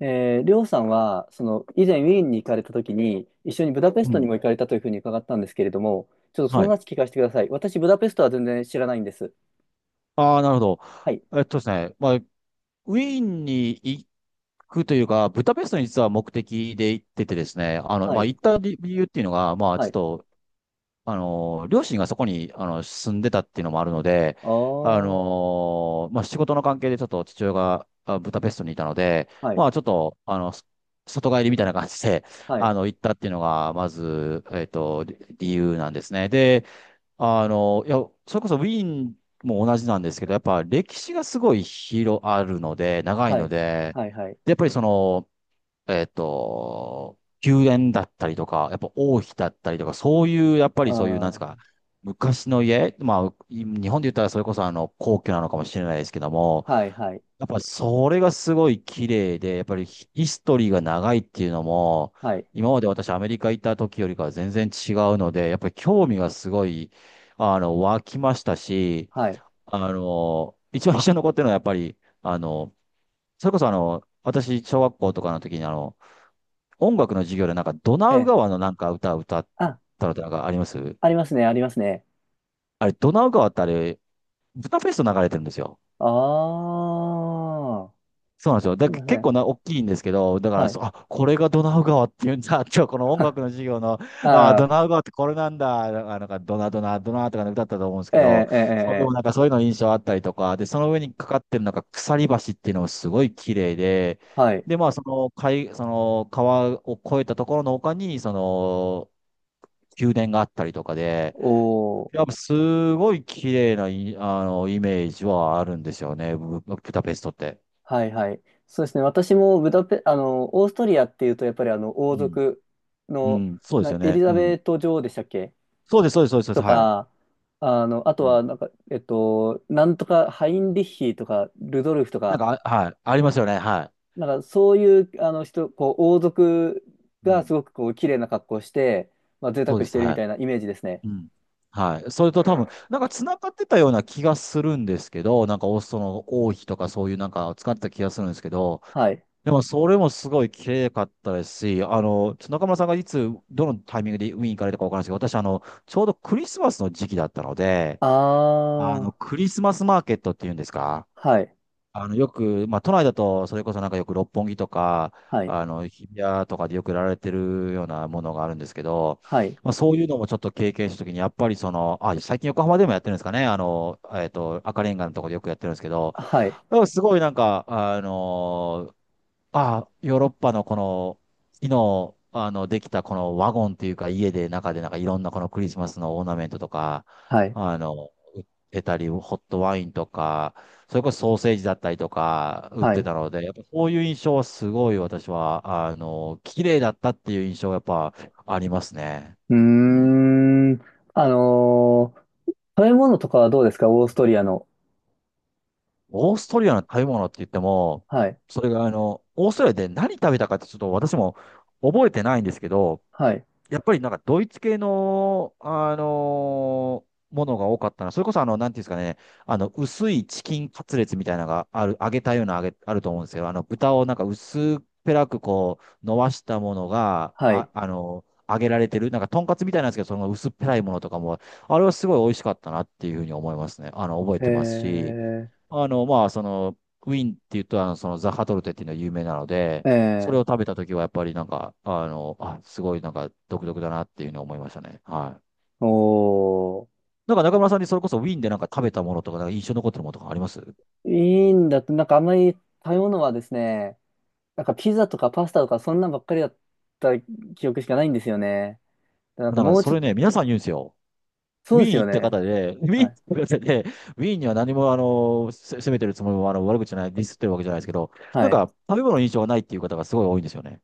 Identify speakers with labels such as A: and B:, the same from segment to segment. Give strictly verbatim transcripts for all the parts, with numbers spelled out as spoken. A: えー、りょうさんは、その、以前ウィーンに行かれたときに、一緒にブダペス
B: う
A: トに
B: ん。
A: も行かれたというふうに伺ったんですけれども、ちょっとそ
B: は
A: の
B: い。
A: 話聞かせてください。私、ブダペストは全然知らないんです。
B: ああ、なるほど。
A: はい、
B: えっとですね、まあ、ウィーンに行くというか、ブダペストに実は目的で行っててですね、あの、
A: は
B: まあ、
A: い、
B: 行った理理由っていうのが、まあ、ち
A: は
B: ょっ
A: い。
B: と、あの、両親がそこに、あの、住んでたっていうのもあるので、
A: あ
B: あ
A: あ、は
B: の、まあ、仕事の関係でちょっと父親があブダペストにいたので、
A: い、
B: まあ、ちょっと、あの、そ外帰りみたいな感じで、
A: は
B: あ
A: い、
B: の、行ったっていうのが、まず、えっと、理理由なんですね。で、あの、いや、それこそウィーンも同じなんですけど、やっぱ歴史がすごい広あるので、長い
A: は
B: の
A: い、
B: で、
A: はい、はい。
B: で、やっぱりその、えっと、宮殿だったりとか、やっぱ王妃だったりとか、そういう、やっぱ
A: あ
B: りそういう、なんです
A: ー、
B: か、昔の家、まあ、日本で言ったらそれこそあの、皇居なのかもしれないですけども、
A: はい、はい、
B: やっぱそれがすごい綺麗で、やっぱりヒヒストリーが長いっていうのも、
A: はい、
B: 今まで私アメリカ行った時よりかは全然違うので、やっぱり興味がすごい、あの、湧きましたし、
A: はい。
B: あの、一番印象に残ってるのはやっぱり、あの、それこそあの、私、小学校とかの時にあの、音楽の授業でなんかドナ
A: え
B: ウ
A: え。
B: 川のなんか歌を歌っ
A: あ、
B: たのってなんかあります？
A: ありますね、ありますね。
B: あれ、ドナウ川ってあれ、ブダペスト流れてるんですよ。
A: ああ、
B: そうなんですよ。
A: す
B: だ、
A: みませ
B: 結
A: ん。
B: 構な、大きいんですけど、だか
A: は
B: ら
A: い。
B: そう、あ、これがドナウ川っていうんだ。今日この音
A: あ
B: 楽の授業の、あ、ド
A: あ、
B: ナウ川ってこれなんだ。あなんか、ドナドナ、ドナとかね歌ったと思うんです
A: え
B: けど、
A: え、ええ、
B: それ
A: え
B: も
A: え。
B: なんかそういうの印象あったりとか、で、その上にかかってるなんか鎖橋っていうのもすごい綺麗で、
A: はい。
B: で、まあ、その海、その川を越えたところの丘に、その、宮殿があったりとかで、
A: お
B: や
A: ー。
B: っぱすごい綺麗ない、あの、イメージはあるんですよね、ブブダペストって。
A: はいはい。そうですね。私もブダペ、あの、オーストリアっていうと、やっぱりあの、
B: う
A: 王
B: ん
A: 族
B: う
A: の、
B: ん、そうで
A: な、
B: すよ
A: エリ
B: ね。う
A: ザ
B: ん。
A: ベート女王でしたっけ
B: そうです、そうです、そうです、そうです、
A: と
B: は
A: か、あの、あと
B: い。うん
A: は、なんか、えっと、なんとか、ハインリッヒとか、ルドルフと
B: なん
A: か、
B: か、あはい。ありますよね。は
A: なんか、そういう、あの人、こう、王族
B: い。う
A: が
B: ん。
A: すごく、こう、綺麗な格好をして、まあ、贅
B: そう
A: 沢
B: で
A: し
B: す、
A: てるみ
B: は
A: たいなイメージですね。
B: い。うん。はい。それと多分、なんか繋がってたような気がするんですけど、なんかオストの王妃とかそういうなんか使ってた気がするんですけど、
A: はい。
B: でもそれもすごい綺麗かったですし、あの、ちょっと中村さんがいつ、どのタイミングでウィーン行かれたかわからないですけど、私、あの、ちょうどクリスマスの時期だったので、あの、
A: あ
B: ク
A: あ、
B: リスマスマーケットっていうんですか？
A: はい、
B: あの、よく、まあ、都内だと、それこそなんかよく六本木とか、
A: はい、
B: あの、日比谷とかでよく売られてるようなものがあるんですけど、
A: はい、
B: まあ、そういうのもちょっと経験したときに、やっぱりその、あ、最近横浜でもやってるんですかね、あの、えっと、赤レンガのところでよくやってるんですけど、
A: はい、
B: だからすごいなんか、あのあ、ヨーロッパのこの、木の、あの、できたこのワゴンっていうか、家で中でなんかいろんなこのクリスマスのオーナメントとか、
A: はい、
B: あの、売ってたり、ホットワインとか、それこそソーセージだったりとか、売っ
A: は
B: て
A: い。
B: たので、やっぱそういう印象はすごい私は、あの、綺麗だったっていう印象がやっぱありますね。
A: うー
B: うん。
A: ん。あのー食べ物とかはどうですか、オーストリアの。
B: オーストリアの食べ物って言っても、
A: はい。
B: それがあの、オーストリアで何食べたかってちょっと私も覚えてないんですけど、
A: はい。
B: やっぱりなんかドイツ系の、あのーものが多かったな。それこそあの、なんていうんですかね、あの、薄いチキンカツレツみたいなのがある、揚げたような揚げ、あると思うんですよ。あの、豚をなんか薄っぺらくこう、伸ばしたものが、
A: はい。
B: あ、あの、揚げられてる。なんか、とんかつみたいなんですけど、その薄っぺらいものとかも、あれはすごい美味しかったなっていうふうに思いますね。あの、覚えてます
A: え
B: し、あの、まあ、その、ウィーンって言うと、あの、その、ザハトルテっていうのが有名なので、
A: ー、
B: それ
A: え
B: を食べたときは、やっぱりなんか、あの、あ、すごいなんか、独特だなっていうのを思いましたね。はい。
A: ー、おー。
B: なんか中村さんにそれこそウィーンでなんか食べたものとか、なんか印象に残ってるものとかあります？
A: いいんだって、なんかあんまり食べ物はですね、なんかピザとかパスタとかそんなんばっかりだった記憶しかないんですよね。なんか
B: なんか
A: もう
B: そ
A: ちょっ
B: れ
A: と、
B: ね、皆さん言うんですよ。
A: そ
B: ウ
A: うで
B: ィー
A: す
B: ン
A: よ
B: 行った
A: ね。
B: 方で、ウィーン
A: は
B: 行
A: い。
B: った方で、ウィーンには何もあの、せ責めてるつもりもあの悪口じゃない、ディスってるわけじゃないですけど、なん
A: はい。
B: か食べ物の印象がないっていう方がすごい多いんですよね。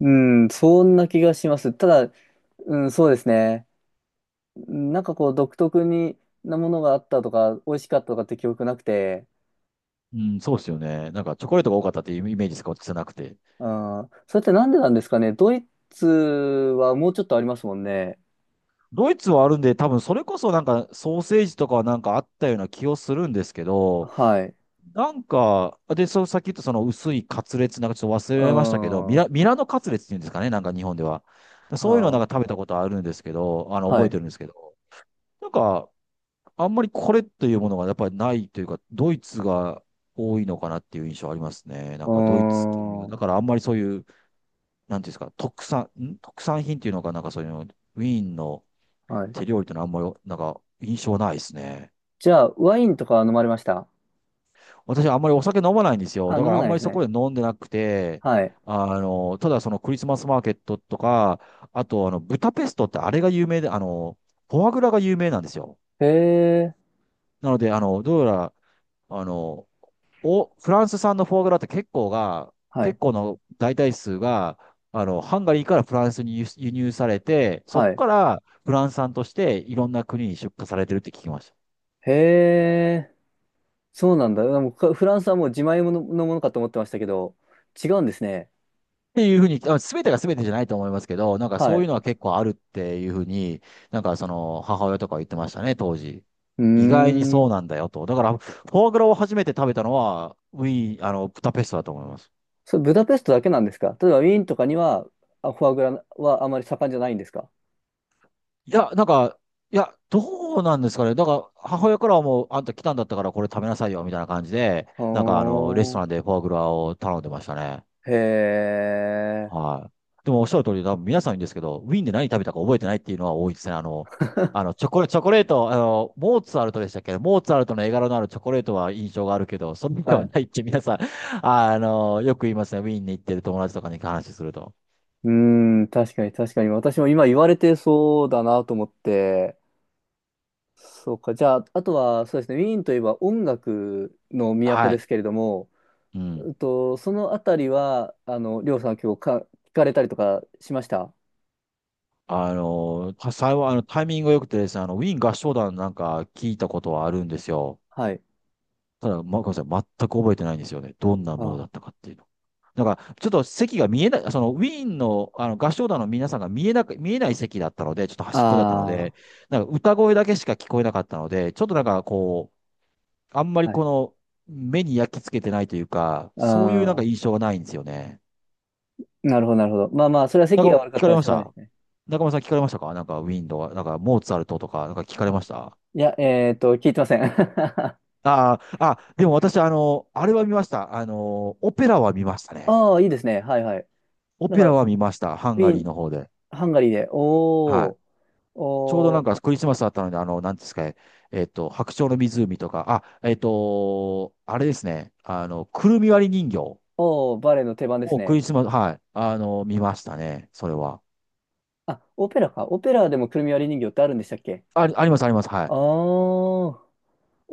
A: うん、そんな気がします。ただ、うん、そうですね。うん、なんかこう独特になものがあったとか、美味しかったとかって記憶なくて、
B: うん、そうですよね。なんかチョコレートが多かったっていうイメージしか私はなくて。
A: ああ、それってなんでなんですかね。ドイツはもうちょっとありますもんね。
B: ドイツはあるんで、多分それこそなんかソーセージとかはなんかあったような気をするんですけど、
A: はい。
B: なんか、で、そう、さっき言ったその薄いカツレツなんかちょっと忘れ
A: う
B: られましたけど、ミ
A: ん。は
B: ラ、ミラノカツレツっていうんですかね、なんか日本では。そういうのはな
A: あ、
B: んか食べたことあるんですけど、あの、
A: は
B: 覚えて
A: い。
B: るんですけど、なんか、あんまりこれというものがやっぱりないというか、ドイツが多いのかなっていう印象ありますね。な
A: う
B: んかドイツ系が、だ
A: ん。
B: からあんまりそういう、なんていうんですか、特産、ん特産品っていうのかなんかそういうの、ウィーンの、
A: はい。
B: 手料理ってのはあんまり、なんか、印象ないですね。
A: じゃあ、ワインとかは飲まれました？
B: 私はあんまりお酒飲まないんですよ。
A: あ、飲
B: だか
A: ま
B: らあ
A: な
B: ん
A: い
B: ま
A: で
B: り
A: す
B: そ
A: ね。
B: こで飲んでなくて、
A: はい。
B: あの、ただそのクリスマスマーケットとか、あとあの、ブタペストってあれが有名で、あの、フォアグラが有名なんですよ。
A: へえ。
B: なので、あの、どうやら、あの、お、フランス産のフォアグラって結構が、
A: は
B: 結
A: い。
B: 構の大体数が、あの、ハンガリーからフランスに輸輸入されて、そこ
A: はい。
B: からフランス産としていろんな国に出荷されてるって聞きました。
A: へえ。そうなんだ。でもかフランスはもう自前もののものかと思ってましたけど、違うんですね。
B: っていうふうに、あ全てが全てじゃないと思いますけど、なんか
A: は
B: そういう
A: い。
B: のは結構あるっていうふうに、なんかその母親とか言ってましたね、当時。
A: うー
B: 意外にそ
A: ん。
B: うなんだよと。だから、フォアグラを初めて食べたのは、ウィーン、あの、ブダペストだと思います。
A: それ、ブダペストだけなんですか？例えば、ウィーンとかには、あ、フォアグラはあまり盛んじゃないんですか？
B: いや、なんか、いや、どうなんですかね。だから、母親からはもう、あんた来たんだったからこれ食べなさいよ、みたいな感じで、
A: お
B: なんかあの、レストランで
A: ー、
B: フォアグラを頼んでましたね。
A: へえ、
B: はい。でもおっしゃる通り、多分皆さん言うんですけど、ウィーンで何食べたか覚えてないっていうのは多いですね。あの、あの、チョコレ、チョコレート、あの、モーツァルトでしたっけ？モーツァルトの絵柄のあるチョコレートは印象があるけど、そんなで
A: は
B: は
A: い。
B: ないって皆さん、あの、よく言いますね。ウィーンに行ってる友達とかに話すると。
A: うーん、確かに確かに。私も今言われてそうだなと思って。そうか。じゃあ、あとは、そうですね。ウィーンといえば音楽の都
B: は
A: で
B: い。
A: すけれども、
B: う
A: う
B: ん。
A: んと、そのあたりは、あの、りょうさん今日か、聞かれたりとかしました？
B: あの、幸い、あの、タイミングが良くてですね、あの、ウィーン合唱団なんか聞いたことはあるんですよ。
A: はい。
B: ただ、ま、ごめんなさい。全く覚えてないんですよね。どんなもの
A: あ
B: だったかっていうの。だから、ちょっと席が見えない、そのウィーンの、あの合唱団の皆さんが見えなく、見えない席だったので、ちょっと端っこだったの
A: あ
B: で、なんか歌声だけしか聞こえなかったので、ちょっとなんかこう、あんまり
A: ー、はい。
B: この目に焼き付けてないというか、
A: あ
B: そういうなんか
A: ー、
B: 印象がないんですよね。
A: なるほど、なるほど。まあまあ、それは
B: なん
A: 席
B: か
A: が悪か
B: 聞
A: っ
B: か
A: た
B: れ
A: ら
B: ま
A: し
B: し
A: ょうがないで
B: た？
A: すね。
B: 中村さん聞かれましたか？なんかウィーンとか、なんかモーツァルトとか、なんか聞かれ
A: あ、
B: ました？
A: いや、えっと、聞いてません。あ
B: あー、あ、でも私、あの、あれは見ました。あの、オペラは見ましたね。
A: あ、いいですね。はいはい。
B: オ
A: なん
B: ペ
A: か、
B: ラ
A: ウ
B: は見ました。ハンガ
A: ィー
B: リー
A: ン、
B: の方で。
A: ハンガリーで、
B: は
A: お
B: い。
A: ー、
B: ちょうどな
A: お
B: んか
A: ー、
B: クリスマスだったので、あの、なんですかね、えっと、白鳥の湖とか、あ、えっと、あれですね、あの、くるみ割り人形
A: おー、バレエの定番です
B: をク
A: ね。
B: リスマス、はい、あの、見ましたね、それは。
A: あ、オペラか。オペラでもくるみ割り人形ってあるんでしたっけ？
B: あ、あります、あります、は
A: あ
B: い。
A: ー、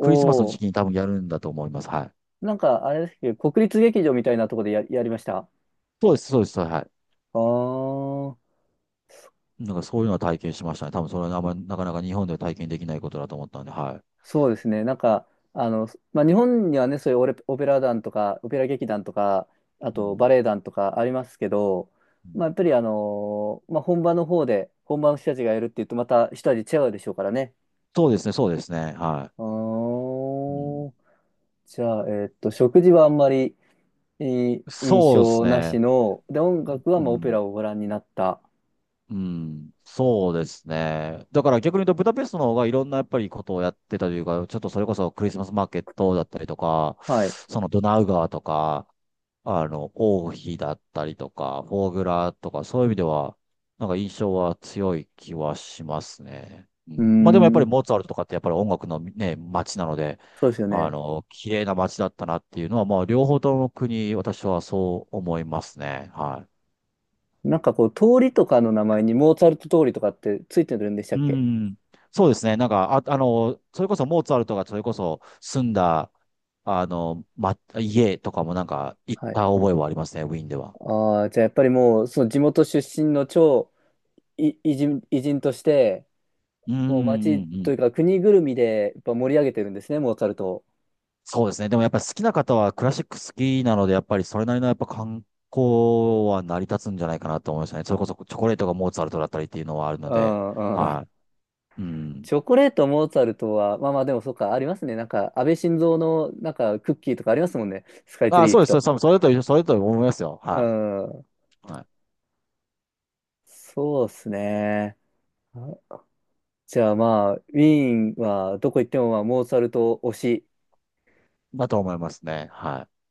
B: クリスマスの
A: ー。
B: 時期に多分やるんだと思います、はい。
A: なんか、あれですけど、国立劇場みたいなとこでや、やりました。
B: そうです、そうです、は
A: あー、
B: い。なんかそういうのは体験しましたね。多分それはあんまりなかなか日本では体験できないことだと思ったんで、はい。
A: そうですね。なんか、あの、まあ、日本にはね、そういうオレ、オペラ団とか、オペラ劇団とか、あ
B: う
A: とバ
B: ん、
A: レエ団とかありますけど、
B: う
A: まあ、や
B: ん、
A: っぱりあのーまあ、本場の方で、本場の人たちがやるっていうと、また一味違うでしょうからね。
B: そうですね、そうですね、は
A: あ
B: い。うん、
A: ー、じゃあ、えーっと、食事はあんまりいい印
B: そうです
A: 象な
B: ね。
A: しの、で、音楽は
B: う
A: まあオペラ
B: ん
A: をご覧になった。
B: うん、そうですね。だから逆に言うと、ブダペストの方がいろんなやっぱりことをやってたというか、ちょっとそれこそクリスマスマーケットだったりとか、
A: はい。
B: そのドナウ川とか、あの、王妃だったりとか、フォーグラとか、そういう意味では、なんか印象は強い気はしますね。う
A: うー
B: ん、まあでもやっぱり
A: ん、
B: モーツァルトとかってやっぱり音楽のね、街なので、
A: そうですよ
B: あ
A: ね。
B: の、綺麗な街だったなっていうのは、まあ両方とも国、私はそう思いますね。はい。
A: なんかこう、通りとかの名前にモーツァルト通りとかってついてるんでしたっ
B: う
A: け？
B: ん。そうですね。なんか、あ、あの、それこそモーツァルトがそれこそ住んだ、あの、ま、家とかもなんか行っ
A: はい。
B: た覚えはありますね、ウィーンでは。
A: ああ、じゃあやっぱりもう、その地元出身の超い偉人、偉人として、
B: うんう
A: もう町
B: んう
A: とい
B: ん。
A: うか国ぐるみでやっぱ盛り上げてるんですね、モーツァルトを。
B: そうですね。でもやっぱり好きな方はクラシック好きなので、やっぱりそれなりのやっぱ観光は成り立つんじゃないかなと思いましたね。それこそチョコレートがモーツァルトだったりっていうのはあるの
A: う
B: で。
A: んう
B: は
A: ん。
B: い。うん。
A: チョコレートモーツァルトは、まあまあでもそうか、ありますね。なんか、安倍晋三の、なんか、クッキーとかありますもんね。スカイツリ
B: あ、
A: ー
B: そ
A: 行
B: う
A: く
B: です。
A: と。
B: そうですそれと一緒、それと思いますよ。
A: う
B: は
A: ん。
B: い。はい。
A: そうですね。あ、じゃあまあ、ウィーンはどこ行っても、まあ、モーツァルト推し
B: だと思いますね。はい。